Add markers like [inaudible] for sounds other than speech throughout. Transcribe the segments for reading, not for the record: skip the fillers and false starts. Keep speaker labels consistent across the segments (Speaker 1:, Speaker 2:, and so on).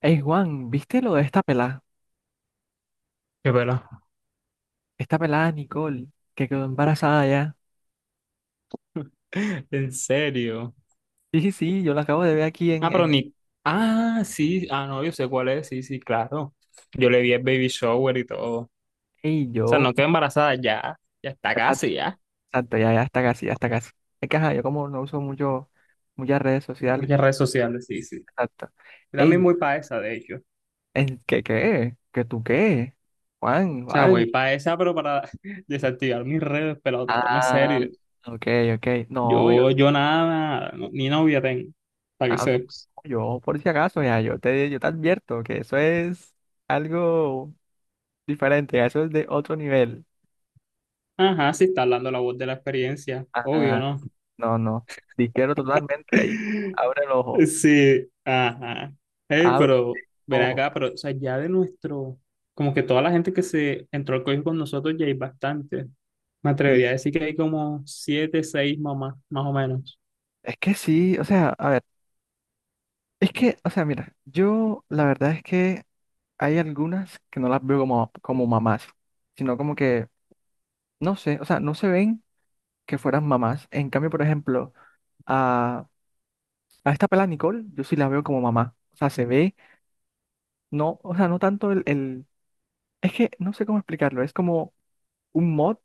Speaker 1: Ey, Juan, ¿viste lo de esta pelada?
Speaker 2: Qué pela.
Speaker 1: Esta pelada Nicole, que quedó embarazada ya.
Speaker 2: [laughs] En serio.
Speaker 1: Sí, sí, sí, yo la acabo de ver aquí en...
Speaker 2: Ah, pero
Speaker 1: en...
Speaker 2: ni. Ah, sí. Ah, no, yo sé cuál es. Sí, sí, claro. Yo le vi el baby shower y todo. O
Speaker 1: Ey,
Speaker 2: sea,
Speaker 1: yo...
Speaker 2: no quedó embarazada ya. Ya está
Speaker 1: ah,
Speaker 2: casi, ya.
Speaker 1: Exacto, ya, ya, está casi, ya está casi. Es que, ajá, yo como no uso mucho, muchas redes sociales.
Speaker 2: Muchas redes sociales, sí, sí.
Speaker 1: Exacto.
Speaker 2: Yo también
Speaker 1: Ey,
Speaker 2: voy para esa, de hecho. O
Speaker 1: ¿qué qué? ¿Qué tú qué? Juan,
Speaker 2: sea,
Speaker 1: Juan.
Speaker 2: voy para esa, pero para [laughs] desactivar mis redes, pero tratame
Speaker 1: Ah,
Speaker 2: serio.
Speaker 1: ok, ok.
Speaker 2: Yo nada, no- ni novia tengo. Para que
Speaker 1: No,
Speaker 2: sepas.
Speaker 1: yo, por si acaso, ya, yo te advierto que eso es algo diferente, ya, eso es de otro nivel.
Speaker 2: Ajá, sí está hablando la voz de la experiencia. Obvio,
Speaker 1: Ah,
Speaker 2: ¿no?
Speaker 1: No, no. Difiero totalmente ahí.
Speaker 2: [laughs]
Speaker 1: Abre el ojo.
Speaker 2: Sí, ajá. Ey,
Speaker 1: Abre el
Speaker 2: pero ven
Speaker 1: ojo.
Speaker 2: acá, pero o sea, ya de nuestro, como que toda la gente que se entró al colegio con nosotros ya hay bastante. Me
Speaker 1: Sí.
Speaker 2: atrevería a decir que hay como siete, seis mamás, más o menos.
Speaker 1: O sea, a ver, o sea, mira, yo la verdad es que hay algunas que no las veo como mamás, sino como que, no sé, o sea, no se ven que fueran mamás. En cambio, por ejemplo, a, a esta pela Nicole, yo sí la veo como mamá. O sea, se ve, no, o sea, no tanto es que no sé cómo explicarlo, es como un mod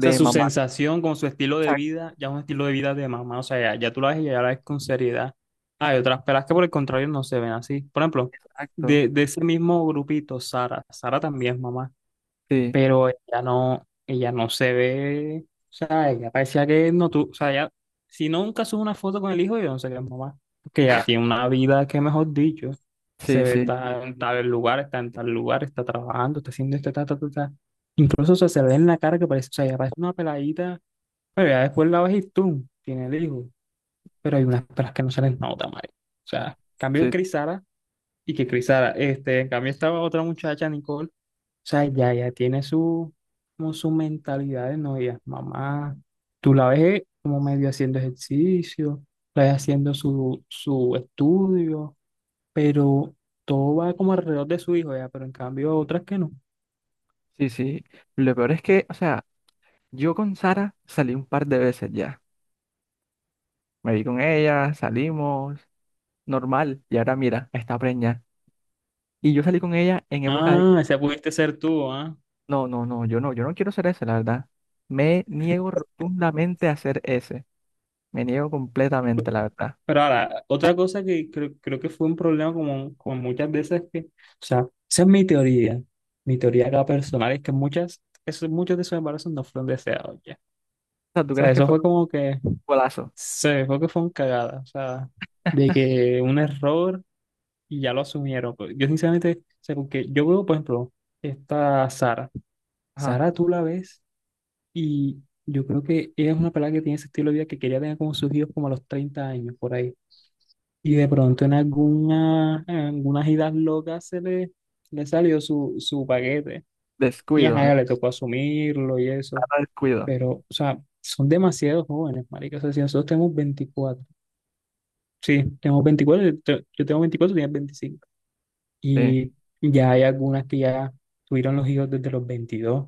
Speaker 2: O sea, su
Speaker 1: mamá.
Speaker 2: sensación con su estilo de
Speaker 1: Exacto,
Speaker 2: vida, ya es un estilo de vida de mamá. O sea, ya, ya tú la ves y ya la ves con seriedad. Hay otras pelas que por el contrario no se ven así. Por ejemplo,
Speaker 1: exacto.
Speaker 2: de ese mismo grupito, Sara. Sara también es mamá.
Speaker 1: Sí,
Speaker 2: Pero ella no se ve, o sea, ella parecía que no tú, o sea, ella, si no nunca sube una foto con el hijo, yo no sé qué es mamá, porque ella tiene una vida que, mejor dicho, se
Speaker 1: sí,
Speaker 2: ve,
Speaker 1: sí.
Speaker 2: está en tal lugar, está en tal lugar, está trabajando, está haciendo esto, ta, ta, ta, ta. Incluso, o sea, se ve en la cara que parece, o sea, ella parece una peladita, pero ya después la ves y tú, tiene el hijo, pero hay unas pelas que no se les nota, madre. O sea, cambio
Speaker 1: Sí.
Speaker 2: Crisara y que Crisara, este, en cambio estaba otra muchacha, Nicole, o sea, ya, ya tiene su, como su mentalidad de novia, mamá. Tú la ves como medio haciendo ejercicio, la ves haciendo su, su estudio, pero todo va como alrededor de su hijo, ya, pero en cambio otras que no.
Speaker 1: Sí, sí. Lo peor es que, o sea, yo con Sara salí un par de veces ya. Me vi con ella, salimos, normal. Y ahora mira, está preñada. Y yo salí con ella en época de...
Speaker 2: Ah, esa pudiste ser tú, ¿ah?
Speaker 1: No, no, no, yo no quiero ser ese, la verdad. Me niego rotundamente a ser ese. Me niego completamente, la verdad.
Speaker 2: Pero ahora, otra cosa que creo, creo que fue un problema como, como muchas veces que, o sea, esa es mi teoría acá personal, es que muchas, esos, muchos de esos embarazos no fueron deseados, ya.
Speaker 1: O sea, ¿tú
Speaker 2: O sea,
Speaker 1: crees que
Speaker 2: eso
Speaker 1: fue
Speaker 2: fue
Speaker 1: un
Speaker 2: como que
Speaker 1: golazo?
Speaker 2: se dejó que fue un cagada, o sea, de que un error y ya lo asumieron pues. Yo sinceramente, o sea, porque yo veo, por ejemplo, esta Sara.
Speaker 1: Ajá.
Speaker 2: Sara tú la ves y yo creo que ella es una pelada que tiene ese estilo de vida que quería tener como sus hijos como a los 30 años, por ahí. Y de pronto en alguna, en algunas idas locas se le, le salió su, su paquete. Y
Speaker 1: Descuido,
Speaker 2: ajá, ya le tocó asumirlo y eso.
Speaker 1: Sara descuido.
Speaker 2: Pero, o sea, son demasiados jóvenes, marica. O sea, si nosotros tenemos 24. Sí, tenemos 24, yo te- yo tengo 24, tienes 25.
Speaker 1: Sí.
Speaker 2: Y ya hay algunas que ya tuvieron los hijos desde los 22,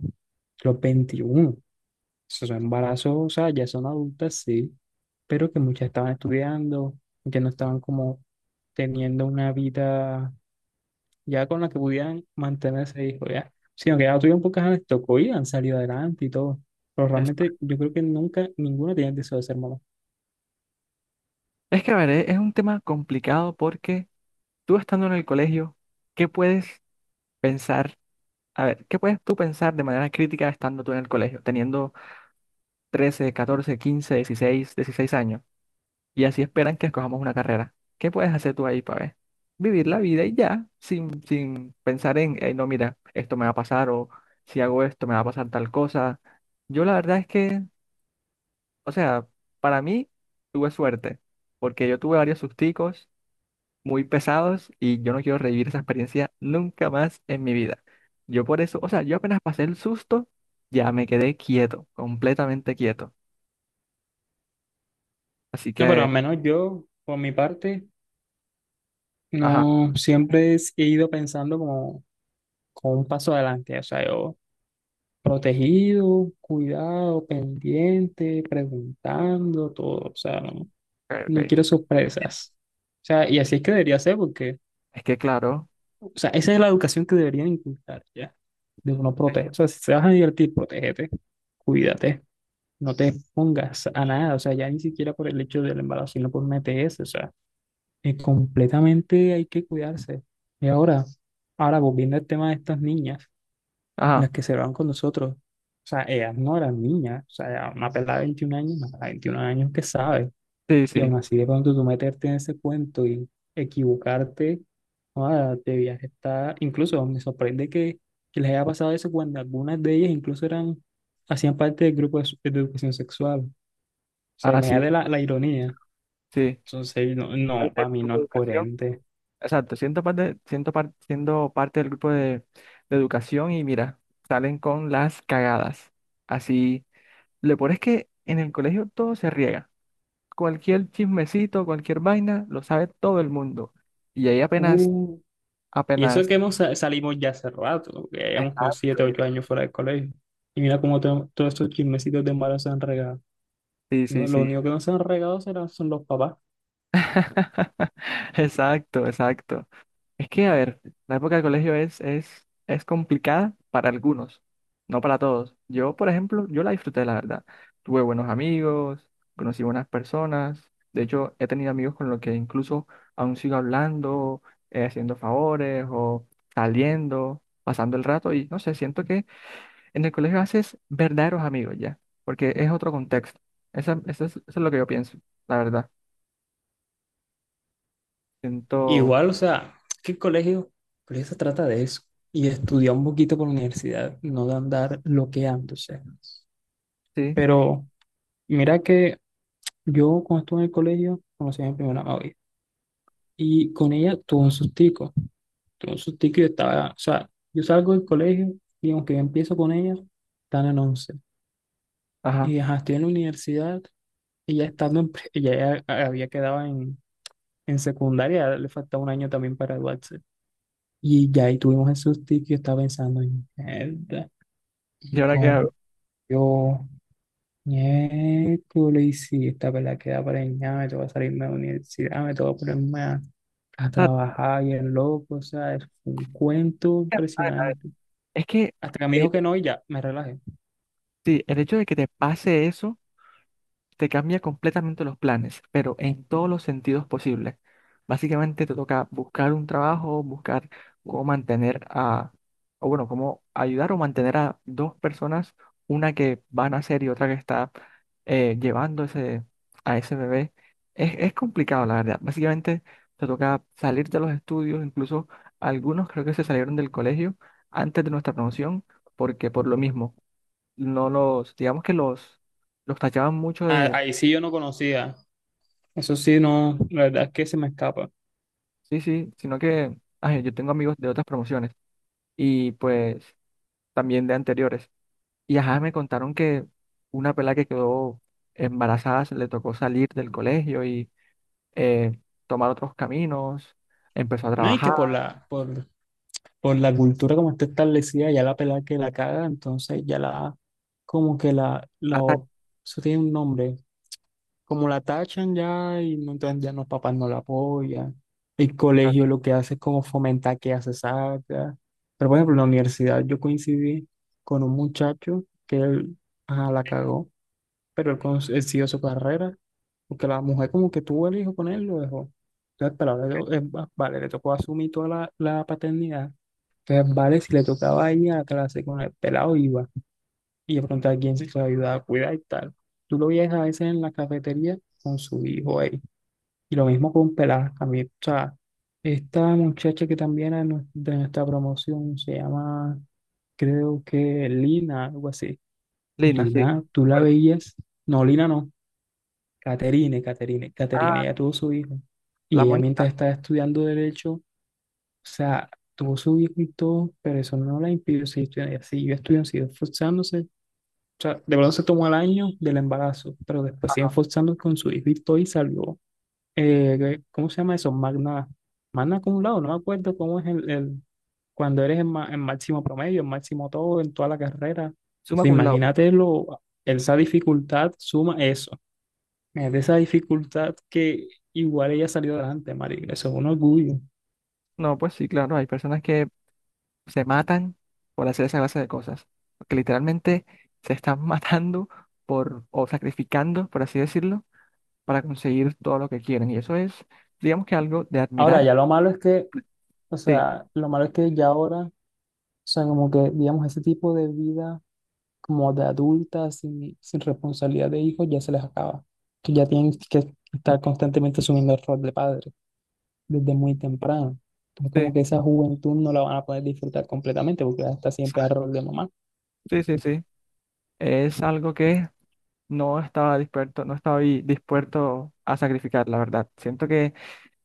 Speaker 2: los 21. Esos son embarazos, o sea, ya son adultas, sí, pero que muchas estaban estudiando, que no estaban como teniendo una vida ya con la que pudieran mantenerse hijo, ya. Sino que ya tuvieron pocas les tocó y han salido adelante y todo. Pero
Speaker 1: Es,
Speaker 2: realmente yo creo que nunca, ninguna tenía el deseo de ser mamá.
Speaker 1: a ver, es un tema complicado porque tú estando en el colegio, ¿qué puedes pensar? A ver, ¿qué puedes tú pensar de manera crítica estando tú en el colegio, teniendo 13, 14, 15, 16 años? Y así esperan que escojamos una carrera. ¿Qué puedes hacer tú ahí para ver? Vivir la vida y ya, sin pensar en "Ey, no, mira, esto me va a pasar o si hago esto me va a pasar tal cosa". Yo la verdad es que, o sea, para mí tuve suerte, porque yo tuve varios susticos muy pesados y yo no quiero revivir esa experiencia nunca más en mi vida. Yo por eso, o sea, yo apenas pasé el susto, ya me quedé quieto, completamente quieto. Así
Speaker 2: No, pero
Speaker 1: que,
Speaker 2: al menos yo, por mi parte,
Speaker 1: ajá,
Speaker 2: no, siempre es- he ido pensando como, como un paso adelante, o sea, yo protegido, cuidado, pendiente, preguntando, todo, o sea, no,
Speaker 1: ok,
Speaker 2: no
Speaker 1: ok.
Speaker 2: quiero sorpresas. O sea, y así es que debería ser porque,
Speaker 1: Es que claro,
Speaker 2: o sea, esa es la educación que deberían inculcar, ¿ya? De uno proteger, o sea, si te vas a divertir, protégete, cuídate, no te pongas a nada, o sea, ya ni siquiera por el hecho del embarazo, sino por un ETS, o sea. Completamente hay que cuidarse. Y ahora, ahora volviendo al tema de estas niñas,
Speaker 1: ajá,
Speaker 2: las que se van con nosotros, o sea, ellas no eran niñas, o sea, era una pelada de 21 años, una pelada de 21 años que sabe,
Speaker 1: sí,
Speaker 2: y aún
Speaker 1: sí,
Speaker 2: así de pronto tú meterte en ese cuento y equivocarte, ah, de viaje está, incluso me sorprende que les haya pasado eso cuando algunas de ellas incluso eran, hacían parte del grupo de, su- de educación sexual, o sea,
Speaker 1: ah, sí,
Speaker 2: imagínate la, la ironía,
Speaker 1: sí.
Speaker 2: entonces no,
Speaker 1: Parte
Speaker 2: no,
Speaker 1: del
Speaker 2: para mí no
Speaker 1: grupo de
Speaker 2: es
Speaker 1: educación,
Speaker 2: coherente.
Speaker 1: exacto, siento parte, siendo parte del grupo de educación y mira, salen con las cagadas. Así, lo peor es que en el colegio todo se riega. Cualquier chismecito, cualquier vaina, lo sabe todo el mundo. Y ahí apenas,
Speaker 2: Uh, Y eso que
Speaker 1: apenas,
Speaker 2: hemos sa- salimos ya hace rato, que ya llevamos como
Speaker 1: exacto,
Speaker 2: siete, ocho años fuera del colegio. Y mira cómo to- todos estos chismecitos de malos se han regado.
Speaker 1: sí, sí,
Speaker 2: No, lo
Speaker 1: sí.
Speaker 2: único que no se han regado serán, son los papás.
Speaker 1: [laughs] Exacto, exacto. Es que, a ver, la época del colegio es complicada para algunos, no para todos. Yo, por ejemplo, yo la disfruté, la verdad. Tuve buenos amigos, conocí buenas personas. De hecho, he tenido amigos con los que incluso aún sigo hablando, haciendo favores o saliendo, pasando el rato y no sé, siento que en el colegio haces verdaderos amigos ya, porque es otro contexto. Eso es lo que yo pienso, la verdad. Siento,
Speaker 2: Igual, o sea, es que el colegio se trata de eso. Y de estudiar un poquito por la universidad, no de andar loqueándose.
Speaker 1: sí,
Speaker 2: Pero mira que yo cuando estuve en el colegio conocí a mi primera novia. Y con ella tuve un sustico. Tuve un sustico y yo estaba, o sea, yo salgo del colegio y aunque yo empiezo con ella, están en once.
Speaker 1: ajá.
Speaker 2: Y ajá, estoy en la universidad y ya estando en, pre- ella ya había quedado en secundaria, le faltaba un año también para graduarse. Y ya ahí tuvimos el susto y yo estaba pensando en mierda.
Speaker 1: ¿Y
Speaker 2: Y
Speaker 1: ahora qué hago?
Speaker 2: con
Speaker 1: O
Speaker 2: yo, miércoles, y si esta pelada queda preñada, me toca salirme de la universidad, me toca ponerme a
Speaker 1: sea,
Speaker 2: trabajar y el loco, o sea, es un cuento impresionante.
Speaker 1: Es que
Speaker 2: Hasta que me
Speaker 1: el,
Speaker 2: dijo que no y ya, me relajé.
Speaker 1: sí, el hecho de que te pase eso te cambia completamente los planes, pero en todos los sentidos posibles. Básicamente te toca buscar un trabajo, buscar cómo mantener a, o bueno, cómo ayudar o mantener a dos personas, una que va a nacer y otra que está llevando ese, a ese bebé. Es complicado, la verdad. Básicamente te toca salir de los estudios, incluso algunos creo que se salieron del colegio antes de nuestra promoción, porque por lo mismo, no los, digamos que los tachaban mucho
Speaker 2: Ah,
Speaker 1: de,
Speaker 2: ahí sí yo no conocía. Eso sí, no, la verdad es que se me escapa.
Speaker 1: sí, sí, sino que ay, yo tengo amigos de otras promociones y pues también de anteriores. Y ajá, me contaron que una pela que quedó embarazada se le tocó salir del colegio y eh, tomar otros caminos, empezó a
Speaker 2: No, y
Speaker 1: trabajar,
Speaker 2: que por la cultura como está establecida, ya la pelada que la caga, entonces ya la, como que la,
Speaker 1: ta, ta,
Speaker 2: eso tiene un nombre, como la tachan ya y no- entonces ya los papás no la apoyan, el
Speaker 1: ta,
Speaker 2: colegio lo que hace es como fomentar que hace saca, pero por ejemplo en la universidad yo coincidí con un muchacho que él, ajá, la cagó, pero él, cons- él siguió su carrera, porque la mujer como que tuvo el hijo con él, lo dejó. Entonces, pero ahora, le vale, le tocó asumir toda la paternidad. Entonces, vale, si le tocaba ir a la clase con el pelado, iba. Y de pronto alguien se lo ayudaba a cuidar y tal. Tú lo veías a veces en la cafetería con su hijo ahí. Y lo mismo con Pelá. A mí, o sea, esta muchacha que también era nu- de nuestra promoción se llama, creo que Lina, algo así.
Speaker 1: Lina, sí.
Speaker 2: Lina, tú la
Speaker 1: Fuerte.
Speaker 2: veías. No, Lina no. Caterine, Caterine. Caterine
Speaker 1: Ah,
Speaker 2: ya tuvo su hijo.
Speaker 1: la
Speaker 2: Y ella mientras
Speaker 1: monita,
Speaker 2: estaba estudiando derecho. O sea, tuvo su hijo y todo, pero eso no la impidió seguir estudiando. Ella siguió estudiando, siguió esforzándose. O sea, de pronto se tomó el año del embarazo, pero después siguió
Speaker 1: ajá,
Speaker 2: esforzándose con su hijo y todo y salió. ¿Cómo se llama eso? Magna, magna acumulado, no me acuerdo cómo es el- cuando eres el ma- el máximo promedio, el máximo todo, en toda la carrera.
Speaker 1: suma
Speaker 2: O
Speaker 1: cum laude.
Speaker 2: imagínate lo, esa dificultad suma eso. Es de esa dificultad que igual ella salió adelante, marica. Eso es un orgullo.
Speaker 1: No, pues sí, claro, hay personas que se matan por hacer esa clase de cosas, que literalmente se están [laughs] matando por, o sacrificando, por así decirlo, para conseguir todo lo que quieren. Y eso es, digamos que algo de
Speaker 2: Ahora,
Speaker 1: admirar.
Speaker 2: ya lo malo es que o
Speaker 1: Sí,
Speaker 2: sea, lo malo es que ya ahora, o sea, como que, digamos, ese tipo de vida como de adulta, sin, sin responsabilidad de hijos, ya se les acaba. Que ya tienen que estar constantemente asumiendo el rol de padre desde muy temprano. Entonces,
Speaker 1: sí,
Speaker 2: como que esa juventud no la van a poder disfrutar completamente porque ya está siempre en el rol de mamá.
Speaker 1: sí, sí, sí. Es algo que no estaba dispuesto, no estaba ahí dispuesto a sacrificar, la verdad. Siento que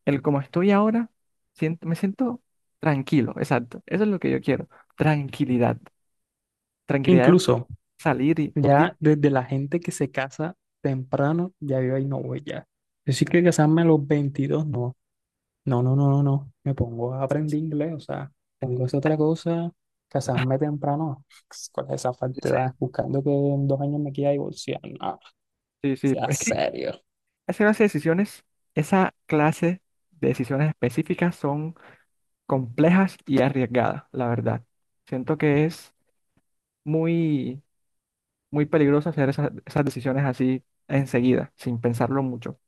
Speaker 1: el como estoy ahora, siento, me siento tranquilo, exacto. Eso es lo que yo quiero. Tranquilidad. Tranquilidad de
Speaker 2: Incluso,
Speaker 1: salir
Speaker 2: ya desde la gente que se casa temprano, ya yo ahí no voy ya. Decir que casarme a los 22 no. No, no, no, no, no. Me pongo a aprender inglés, o sea, pongo esa otra cosa, casarme temprano. [laughs] Con esa
Speaker 1: sí,
Speaker 2: falsedad, buscando que en 2 años me quiera divorciar. No,
Speaker 1: sí, sí.
Speaker 2: sea
Speaker 1: Es que
Speaker 2: serio.
Speaker 1: esa clase de decisiones, esa clase de decisiones específicas son complejas y arriesgadas, la verdad. Siento que es muy, muy peligroso hacer esas decisiones así enseguida, sin pensarlo mucho.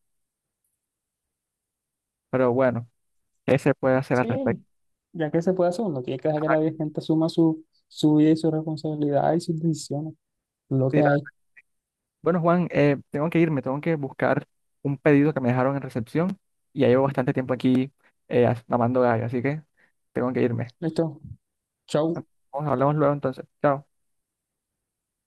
Speaker 1: Pero bueno, ¿qué se puede hacer al respecto?
Speaker 2: Sí, ya que se puede hacer, uno tiene que dejar que
Speaker 1: Ajá,
Speaker 2: la gente asuma su, su vida y su responsabilidad y sus decisiones. Lo que
Speaker 1: mira.
Speaker 2: hay.
Speaker 1: Bueno, Juan, tengo que irme, tengo que buscar un pedido que me dejaron en recepción y ya llevo bastante tiempo aquí as- mamando gallo, así que tengo que irme.
Speaker 2: Listo. Chau.
Speaker 1: Vamos, hablamos luego entonces. Chao.